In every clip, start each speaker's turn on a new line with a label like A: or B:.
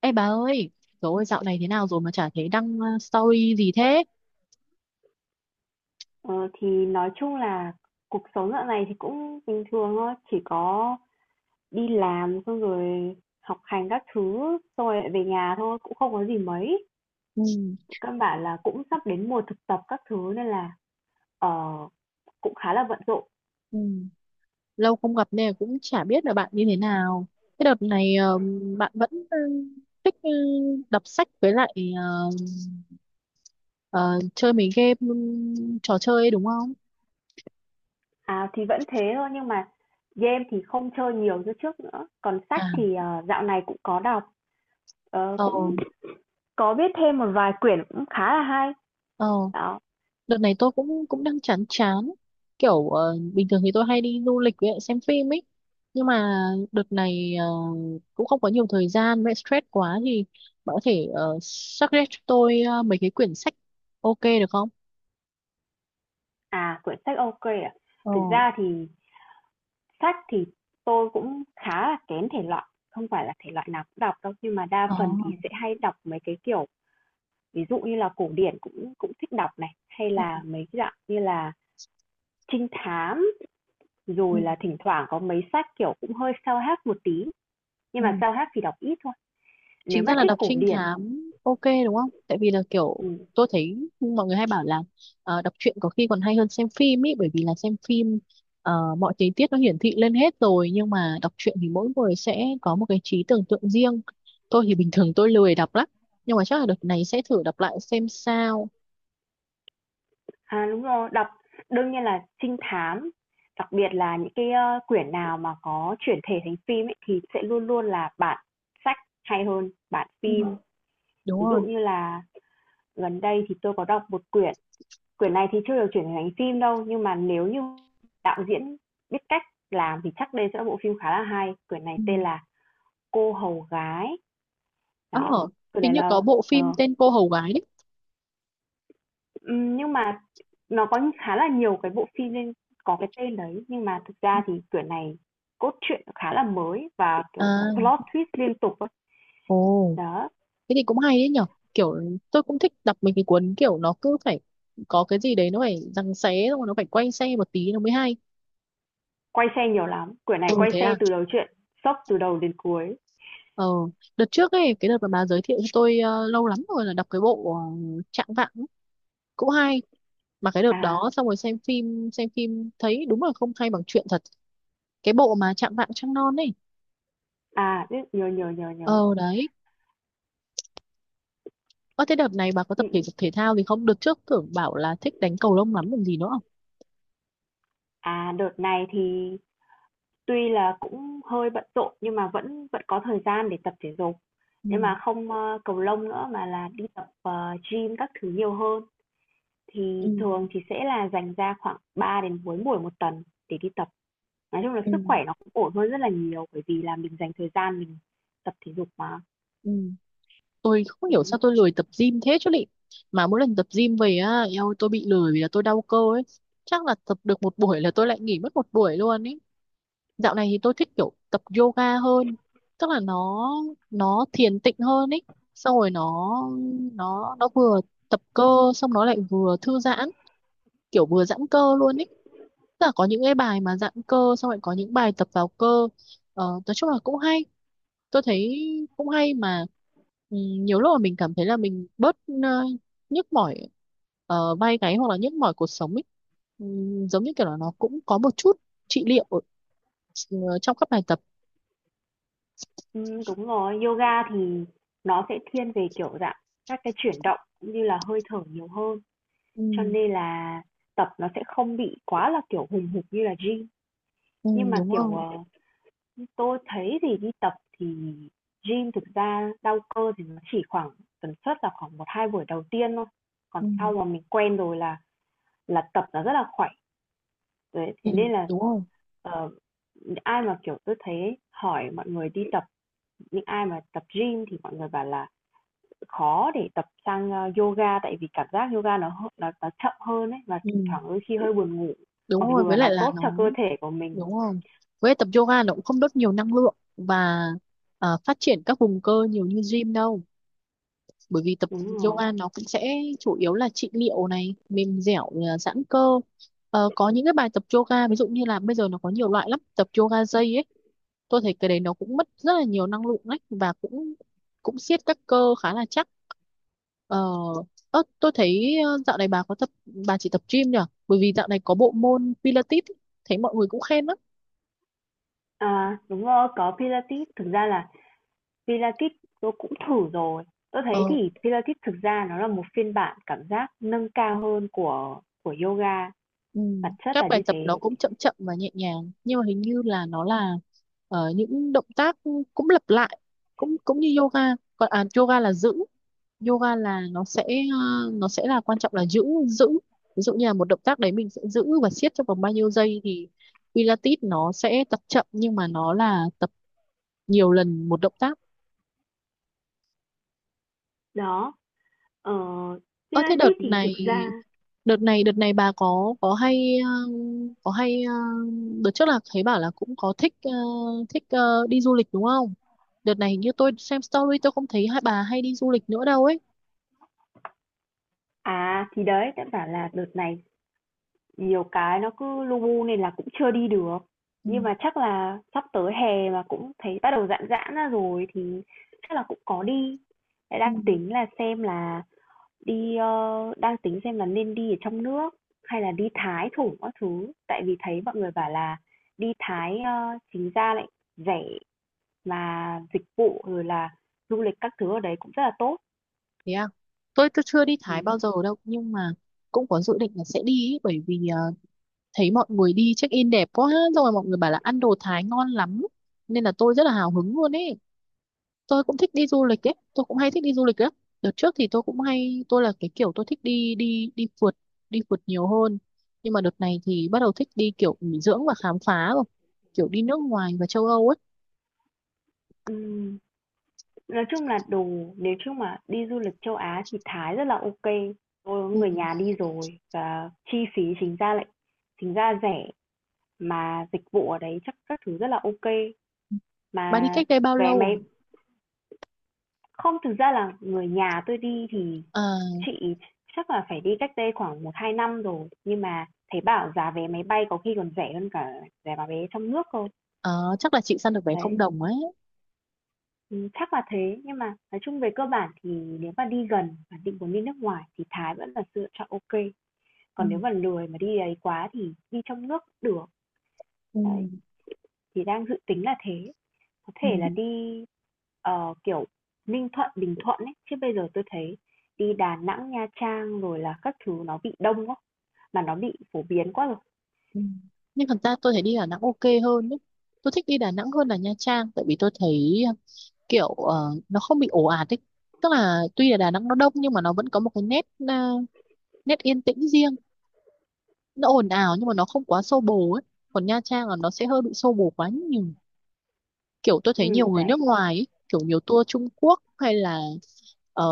A: Ê bà ơi, trời ơi dạo này thế nào rồi mà chả thấy đăng story gì thế?
B: Ờ, thì nói chung là cuộc sống dạo này thì cũng bình thường thôi, chỉ có đi làm xong rồi học hành các thứ, xong rồi lại về nhà thôi, cũng không có gì mấy.
A: Ừ,
B: Căn bản là cũng sắp đến mùa thực tập các thứ nên là ờ, cũng khá là bận rộn.
A: ừ. Lâu không gặp nên là cũng chả biết là bạn như thế nào. Cái đợt này bạn vẫn thích đọc sách với lại ờ, chơi mấy game, ừ, trò chơi ấy, đúng không?
B: À thì vẫn thế thôi nhưng mà game thì không chơi nhiều như trước nữa. Còn sách
A: À,
B: thì dạo này cũng có đọc,
A: ờ,
B: cũng có biết thêm một vài quyển cũng khá là hay.
A: ờ.
B: Đó.
A: Đợt này tôi cũng cũng đang chán chán, kiểu bình thường thì tôi hay đi du lịch với lại xem phim ấy, nhưng mà đợt này cũng không có nhiều thời gian với lại stress quá thì bạn có thể suggest cho tôi mấy cái quyển sách ok được không?
B: À, quyển sách ok ạ.
A: Ồ,
B: Thực ra thì sách thì tôi cũng khá là kén thể loại, không phải là thể loại nào cũng đọc đâu, nhưng mà đa
A: ờ,
B: phần thì sẽ hay đọc mấy cái kiểu, ví dụ như là cổ điển cũng cũng thích đọc này, hay
A: ừ,
B: là mấy cái dạng như là trinh thám,
A: ừ,
B: rồi là thỉnh thoảng có mấy sách kiểu cũng hơi self-help một tí, nhưng mà
A: ừ.
B: self-help thì đọc ít thôi. Nếu
A: Chính ra
B: mà
A: là
B: thích
A: đọc
B: cổ
A: trinh
B: điển,
A: thám ok đúng không, tại vì là kiểu
B: ừm,
A: tôi thấy mọi người hay bảo là đọc truyện có khi còn hay hơn xem phim ý, bởi vì là xem phim mọi tình tiết nó hiển thị lên hết rồi, nhưng mà đọc truyện thì mỗi người sẽ có một cái trí tưởng tượng riêng. Tôi thì bình thường tôi lười đọc lắm, nhưng mà chắc là đợt này sẽ thử đọc lại xem sao.
B: à, đúng rồi, đọc đương nhiên là trinh thám, đặc biệt là những cái, quyển nào mà có chuyển thể thành phim ấy thì sẽ luôn luôn là bản sách hay hơn bản
A: Ừ,
B: phim.
A: đúng
B: Ví dụ
A: rồi.
B: như là gần đây thì tôi có đọc một quyển, quyển này thì chưa được chuyển thành phim đâu, nhưng mà nếu như đạo diễn biết cách làm thì chắc đây sẽ là bộ phim khá là hay. Quyển này
A: Ừ.
B: tên là Cô hầu gái.
A: ờ
B: Đó, quyển
A: Hình
B: này
A: như
B: là
A: có bộ phim
B: ờ,
A: tên cô hầu gái đấy.
B: nhưng mà nó có khá là nhiều cái bộ phim nên có cái tên đấy, nhưng mà thực ra thì quyển này cốt truyện khá là mới và, kiểu,
A: À,
B: plot twist liên tục á.
A: ồ
B: Đó,
A: thế thì cũng hay đấy nhở, kiểu tôi cũng thích đọc mấy cái cuốn kiểu nó cứ phải có cái gì đấy nó phải giằng xé xong rồi nó phải quay xe một tí nó mới hay.
B: quay xe nhiều lắm, quyển này
A: Ừ
B: quay
A: thế à.
B: xe từ đầu truyện, sốc từ đầu đến cuối.
A: ờ Đợt trước ấy, cái đợt mà bà giới thiệu cho tôi lâu lắm rồi, là đọc cái bộ Trạng Vạng ấy, cũng hay. Mà cái đợt
B: À.
A: đó xong rồi xem phim thấy đúng là không hay bằng truyện thật. Cái bộ mà Trạng Vạng Trăng Non ấy,
B: À, biết, nhớ, nhớ, nhớ, nhớ.
A: ờ đấy. Ơ thế đợt này bà có tập thể
B: Ừm.
A: dục thể thao gì không? Đợt trước tưởng bảo là thích đánh cầu lông lắm, còn gì nữa không?
B: À, đợt này thì tuy là cũng hơi bận rộn nhưng mà vẫn vẫn có thời gian để tập thể dục.
A: Ừ,
B: Nhưng mà không, cầu lông nữa mà là đi tập, gym các thứ nhiều hơn. Thì
A: ừ,
B: thường thì sẽ là dành ra khoảng 3 đến 4 buổi một tuần để đi tập. Nói chung là sức khỏe nó cũng ổn hơn rất là nhiều bởi vì là mình dành thời gian mình tập thể dục mà.
A: ừ. Tôi không hiểu
B: Ừm.
A: sao tôi lười tập gym thế chứ lị, mà mỗi lần tập gym về á eo, tôi bị lười vì là tôi đau cơ ấy, chắc là tập được một buổi là tôi lại nghỉ mất một buổi luôn ấy. Dạo này thì tôi thích kiểu tập yoga hơn, tức là nó thiền tịnh hơn ấy, xong rồi nó vừa tập cơ xong nó lại vừa thư giãn, kiểu vừa giãn cơ luôn ấy, tức là có những cái bài mà giãn cơ xong lại có những bài tập vào cơ. Nói chung là cũng hay, tôi thấy cũng hay mà. Ừ, nhiều lúc mà mình cảm thấy là mình bớt ờ, nhức mỏi vai gáy, hoặc là nhức mỏi cuộc sống ấy, ừ, giống như kiểu là nó cũng có một chút trị liệu trong các bài tập.
B: Đúng rồi, yoga thì nó sẽ thiên về, kiểu, dạng các cái chuyển động cũng như là hơi thở nhiều hơn. Cho
A: Ừ,
B: nên là tập nó sẽ không bị quá là, kiểu, hùng hục như là gym.
A: ừ,
B: Nhưng mà,
A: đúng
B: kiểu,
A: không.
B: tôi thấy thì đi tập thì gym thực ra đau cơ thì nó chỉ khoảng tần suất là khoảng 1 2 buổi đầu tiên thôi. Còn
A: Ừ,
B: sau mà mình quen rồi là tập nó rất là khỏe. Đấy,
A: ừ,
B: thế nên là,
A: đúng không.
B: ờ, ai mà, kiểu, tôi thấy hỏi mọi người đi tập những ai mà tập gym thì mọi người bảo là khó để tập sang yoga tại vì cảm giác yoga nó chậm hơn ấy và
A: Ừ,
B: thỉnh thoảng đôi khi hơi buồn ngủ
A: đúng
B: mặc
A: rồi,
B: dù
A: với
B: là nó
A: lại là
B: tốt
A: nó
B: cho cơ thể của mình.
A: đúng không, với lại tập yoga nó cũng không đốt nhiều năng lượng và phát triển các vùng cơ nhiều như gym đâu, bởi vì tập
B: Đúng rồi.
A: yoga nó cũng sẽ chủ yếu là trị liệu này, mềm dẻo à, giãn cơ. Ờ, có những cái bài tập yoga ví dụ như là bây giờ nó có nhiều loại lắm, tập yoga dây ấy, tôi thấy cái đấy nó cũng mất rất là nhiều năng lượng đấy và cũng cũng siết các cơ khá là chắc. Ờ, ơ, tôi thấy dạo này bà có tập, bà chỉ tập gym nhỉ, bởi vì dạo này có bộ môn Pilates ấy, thấy mọi người cũng khen lắm.
B: À đúng rồi, có pilates, thực ra là pilates tôi cũng thử rồi, tôi thấy
A: Ờ.
B: thì pilates thực ra nó là một phiên bản cảm giác nâng cao hơn của yoga,
A: Ừ.
B: bản chất là
A: Các bài
B: như
A: tập nó
B: thế.
A: cũng chậm chậm và nhẹ nhàng, nhưng mà hình như là nó là những động tác cũng lặp lại, cũng cũng như yoga. Còn à, yoga là giữ, yoga là nó sẽ ờ, nó sẽ là quan trọng là giữ giữ, ví dụ như là một động tác đấy mình sẽ giữ và siết trong vòng bao nhiêu giây, thì Pilates nó sẽ tập chậm nhưng mà nó là tập nhiều lần một động tác.
B: Đó, ờ,
A: Ơ thế đợt
B: pilates thì thực
A: này
B: ra
A: đợt này đợt này bà có hay có hay đợt trước là thấy bảo là cũng có thích thích đi du lịch đúng không? Đợt này hình như tôi xem story, tôi không thấy hai bà hay đi du lịch nữa đâu ấy.
B: à thì đấy đã bảo là đợt này nhiều cái nó cứ lu bu nên là cũng chưa đi được.
A: Ừ.
B: Nhưng mà chắc là sắp tới hè mà cũng thấy bắt đầu giãn giãn ra rồi thì chắc là cũng có đi. Lại
A: Ừ.
B: đang tính là xem là đi, đang tính xem là nên đi ở trong nước hay là đi Thái thử các thứ. Tại vì thấy mọi người bảo là đi Thái, chính ra lại rẻ mà dịch vụ rồi là du lịch các thứ ở đấy cũng rất là tốt.
A: Thế à? Tôi chưa đi
B: Ừ.
A: Thái bao giờ đâu, nhưng mà cũng có dự định là sẽ đi ấy, bởi vì thấy mọi người đi check in đẹp quá, xong rồi mọi người bảo là ăn đồ Thái ngon lắm, nên là tôi rất là hào hứng luôn ấy. Tôi cũng thích đi du lịch ấy, tôi cũng hay thích đi du lịch lắm. Đợt trước thì tôi cũng hay, tôi là cái kiểu tôi thích đi đi đi phượt, đi phượt nhiều hơn, nhưng mà đợt này thì bắt đầu thích đi kiểu nghỉ dưỡng và khám phá rồi, kiểu đi nước ngoài và châu Âu ấy.
B: Ừ. Nói chung là đồ, nếu chung mà đi du lịch châu Á thì Thái rất là ok. Tôi có
A: Ừ.
B: người nhà đi rồi và chi phí chính ra lại chính ra rẻ, mà dịch vụ ở đấy chắc các thứ rất là ok.
A: Bạn đi
B: Mà
A: cách đây bao
B: vé
A: lâu
B: máy
A: rồi?
B: không, thực ra là người nhà tôi đi thì
A: À,
B: chị chắc là phải đi cách đây khoảng 1 2 năm rồi, nhưng mà thấy bảo giá vé máy bay có khi còn rẻ hơn cả giá vé trong nước cơ.
A: à, chắc là chị săn được vé không
B: Đấy.
A: đồng ấy.
B: Chắc là thế, nhưng mà nói chung về cơ bản thì nếu mà đi gần và định muốn đi nước ngoài thì Thái vẫn là sự lựa chọn ok, còn nếu
A: Ừ.
B: mà lười mà đi ấy quá thì đi trong nước cũng được.
A: Ừ.
B: Đấy, thì đang dự tính là thế, có
A: Ừ.
B: thể là đi, kiểu, Ninh Thuận, Bình Thuận ấy, chứ bây giờ tôi thấy đi Đà Nẵng, Nha Trang rồi là các thứ nó bị đông quá, mà nó bị phổ biến quá rồi.
A: Ừ. Nhưng thật ra tôi thấy đi Đà Nẵng ok hơn ấy. Tôi thích đi Đà Nẵng hơn là Nha Trang, tại vì tôi thấy à, kiểu nó không bị ồ ạt ấy, tức là tuy là Đà Nẵng nó đông nhưng mà nó vẫn có một cái nét à, nét yên tĩnh riêng, nó ồn ào nhưng mà nó không quá xô bồ ấy. Còn Nha Trang là nó sẽ hơi bị xô bồ quá nhiều, kiểu tôi thấy nhiều người
B: Đấy,
A: nước ngoài ấy, kiểu nhiều tour Trung Quốc hay là ờ,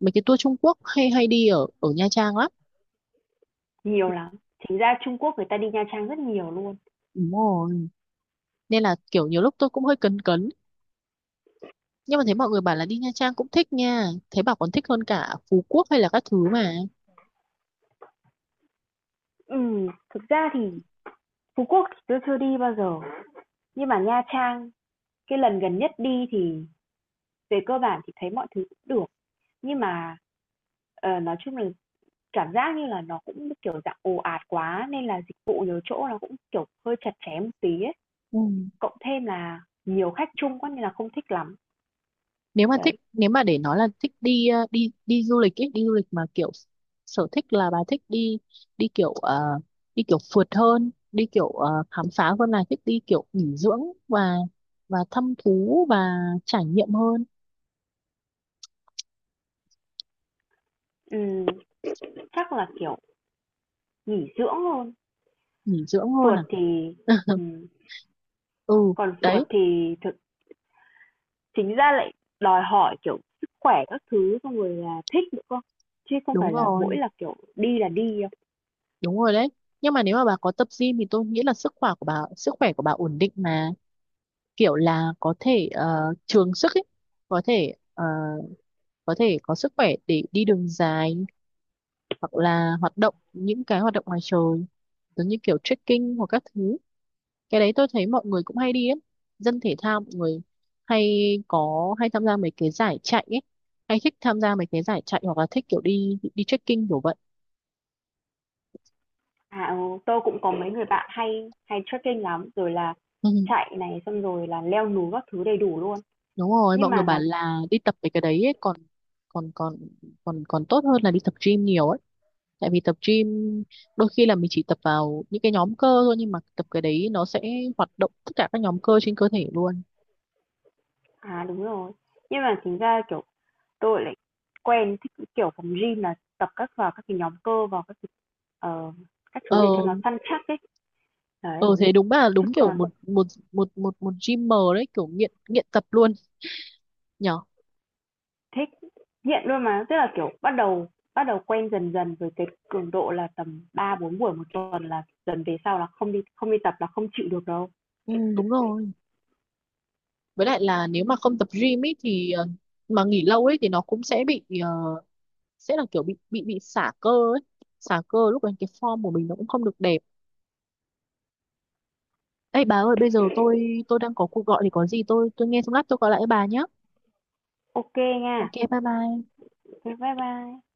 A: mấy cái tour Trung Quốc hay hay đi ở ở Nha Trang lắm,
B: nhiều lắm. Chính ra Trung Quốc người ta đi Nha Trang rất nhiều luôn.
A: đúng rồi. Nên là kiểu nhiều lúc tôi cũng hơi cấn cấn, nhưng mà thấy mọi người bảo là đi Nha Trang cũng thích nha, thấy bảo còn thích hơn cả Phú Quốc hay là các thứ mà.
B: Thực ra thì Phú Quốc thì tôi chưa đi bao giờ, nhưng mà Nha Trang cái lần gần nhất đi thì về cơ bản thì thấy mọi thứ cũng được nhưng mà nói chung là cảm giác như là nó cũng kiểu dạng ồ ạt quá nên là dịch vụ nhiều chỗ nó cũng kiểu hơi chặt chém một tí ấy.
A: Ừ.
B: Cộng thêm là nhiều khách chung quá nên là không thích lắm.
A: Nếu mà thích,
B: Đấy.
A: nếu mà để nói là thích đi đi đi du lịch ấy, đi du lịch mà kiểu sở thích là bà thích đi đi kiểu đi kiểu phượt hơn, đi kiểu khám phá, hơn là thích đi kiểu nghỉ dưỡng và thăm thú và trải nghiệm hơn.
B: Ừm, chắc là kiểu nghỉ dưỡng luôn.
A: Nghỉ dưỡng hơn
B: Phượt
A: à?
B: thì ừm,
A: Ừ
B: còn
A: đấy.
B: phượt thì thực chính ra lại đòi hỏi kiểu sức khỏe các thứ xong rồi là thích nữa cơ, chứ không
A: Đúng
B: phải là mỗi
A: rồi,
B: là kiểu đi là đi.
A: đúng rồi đấy, nhưng mà nếu mà bà có tập gym thì tôi nghĩ là sức khỏe của bà ổn định mà, kiểu là có thể trường sức ấy, có thể ờ, có thể có sức khỏe để đi đường dài, hoặc là hoạt động những cái hoạt động ngoài trời giống như kiểu trekking hoặc các thứ. Cái đấy tôi thấy mọi người cũng hay đi ấy, dân thể thao mọi người hay, có hay tham gia mấy cái giải chạy ấy, hay thích tham gia mấy cái giải chạy hoặc là thích kiểu đi đi trekking kiểu vậy.
B: À, ừ, tôi cũng có mấy người bạn hay hay trekking lắm, rồi là
A: Ừ.
B: chạy này xong rồi là leo núi các thứ đầy đủ luôn.
A: Đúng rồi,
B: Nhưng
A: mọi người
B: mà
A: bảo
B: nó
A: là đi tập mấy cái đấy ấy, còn còn còn còn còn tốt hơn là đi tập gym nhiều ấy, tại vì tập gym đôi khi là mình chỉ tập vào những cái nhóm cơ thôi, nhưng mà tập cái đấy nó sẽ hoạt động tất cả các nhóm cơ trên cơ thể luôn.
B: à đúng rồi. Nhưng mà chính ra kiểu tôi lại quen thích cái kiểu phòng gym là tập các vào các cái nhóm cơ vào các cái, ờ, các
A: ờ
B: thứ để cho nó săn chắc ấy. Đấy,
A: ờ Thế đúng là
B: chứ
A: đúng kiểu
B: còn
A: một một một một một gymer đấy, kiểu nghiện nghiện tập luôn nhở.
B: thích nghiện luôn mà, tức là kiểu bắt đầu quen dần dần với cái cường độ là tầm 3 4 buổi một tuần là dần về sau là không đi tập là không chịu được đâu.
A: Ừ, đúng rồi, với lại là nếu mà không tập gym ấy thì mà nghỉ lâu ấy thì nó cũng sẽ bị sẽ là kiểu bị xả cơ ấy, xả cơ lúc đấy cái form của mình nó cũng không được đẹp. Ê bà ơi, bây giờ tôi đang có cuộc gọi, thì có gì tôi nghe xong lát tôi gọi lại bà nhé.
B: Ok nha.
A: Ok, bye bye.
B: Thế bye bye.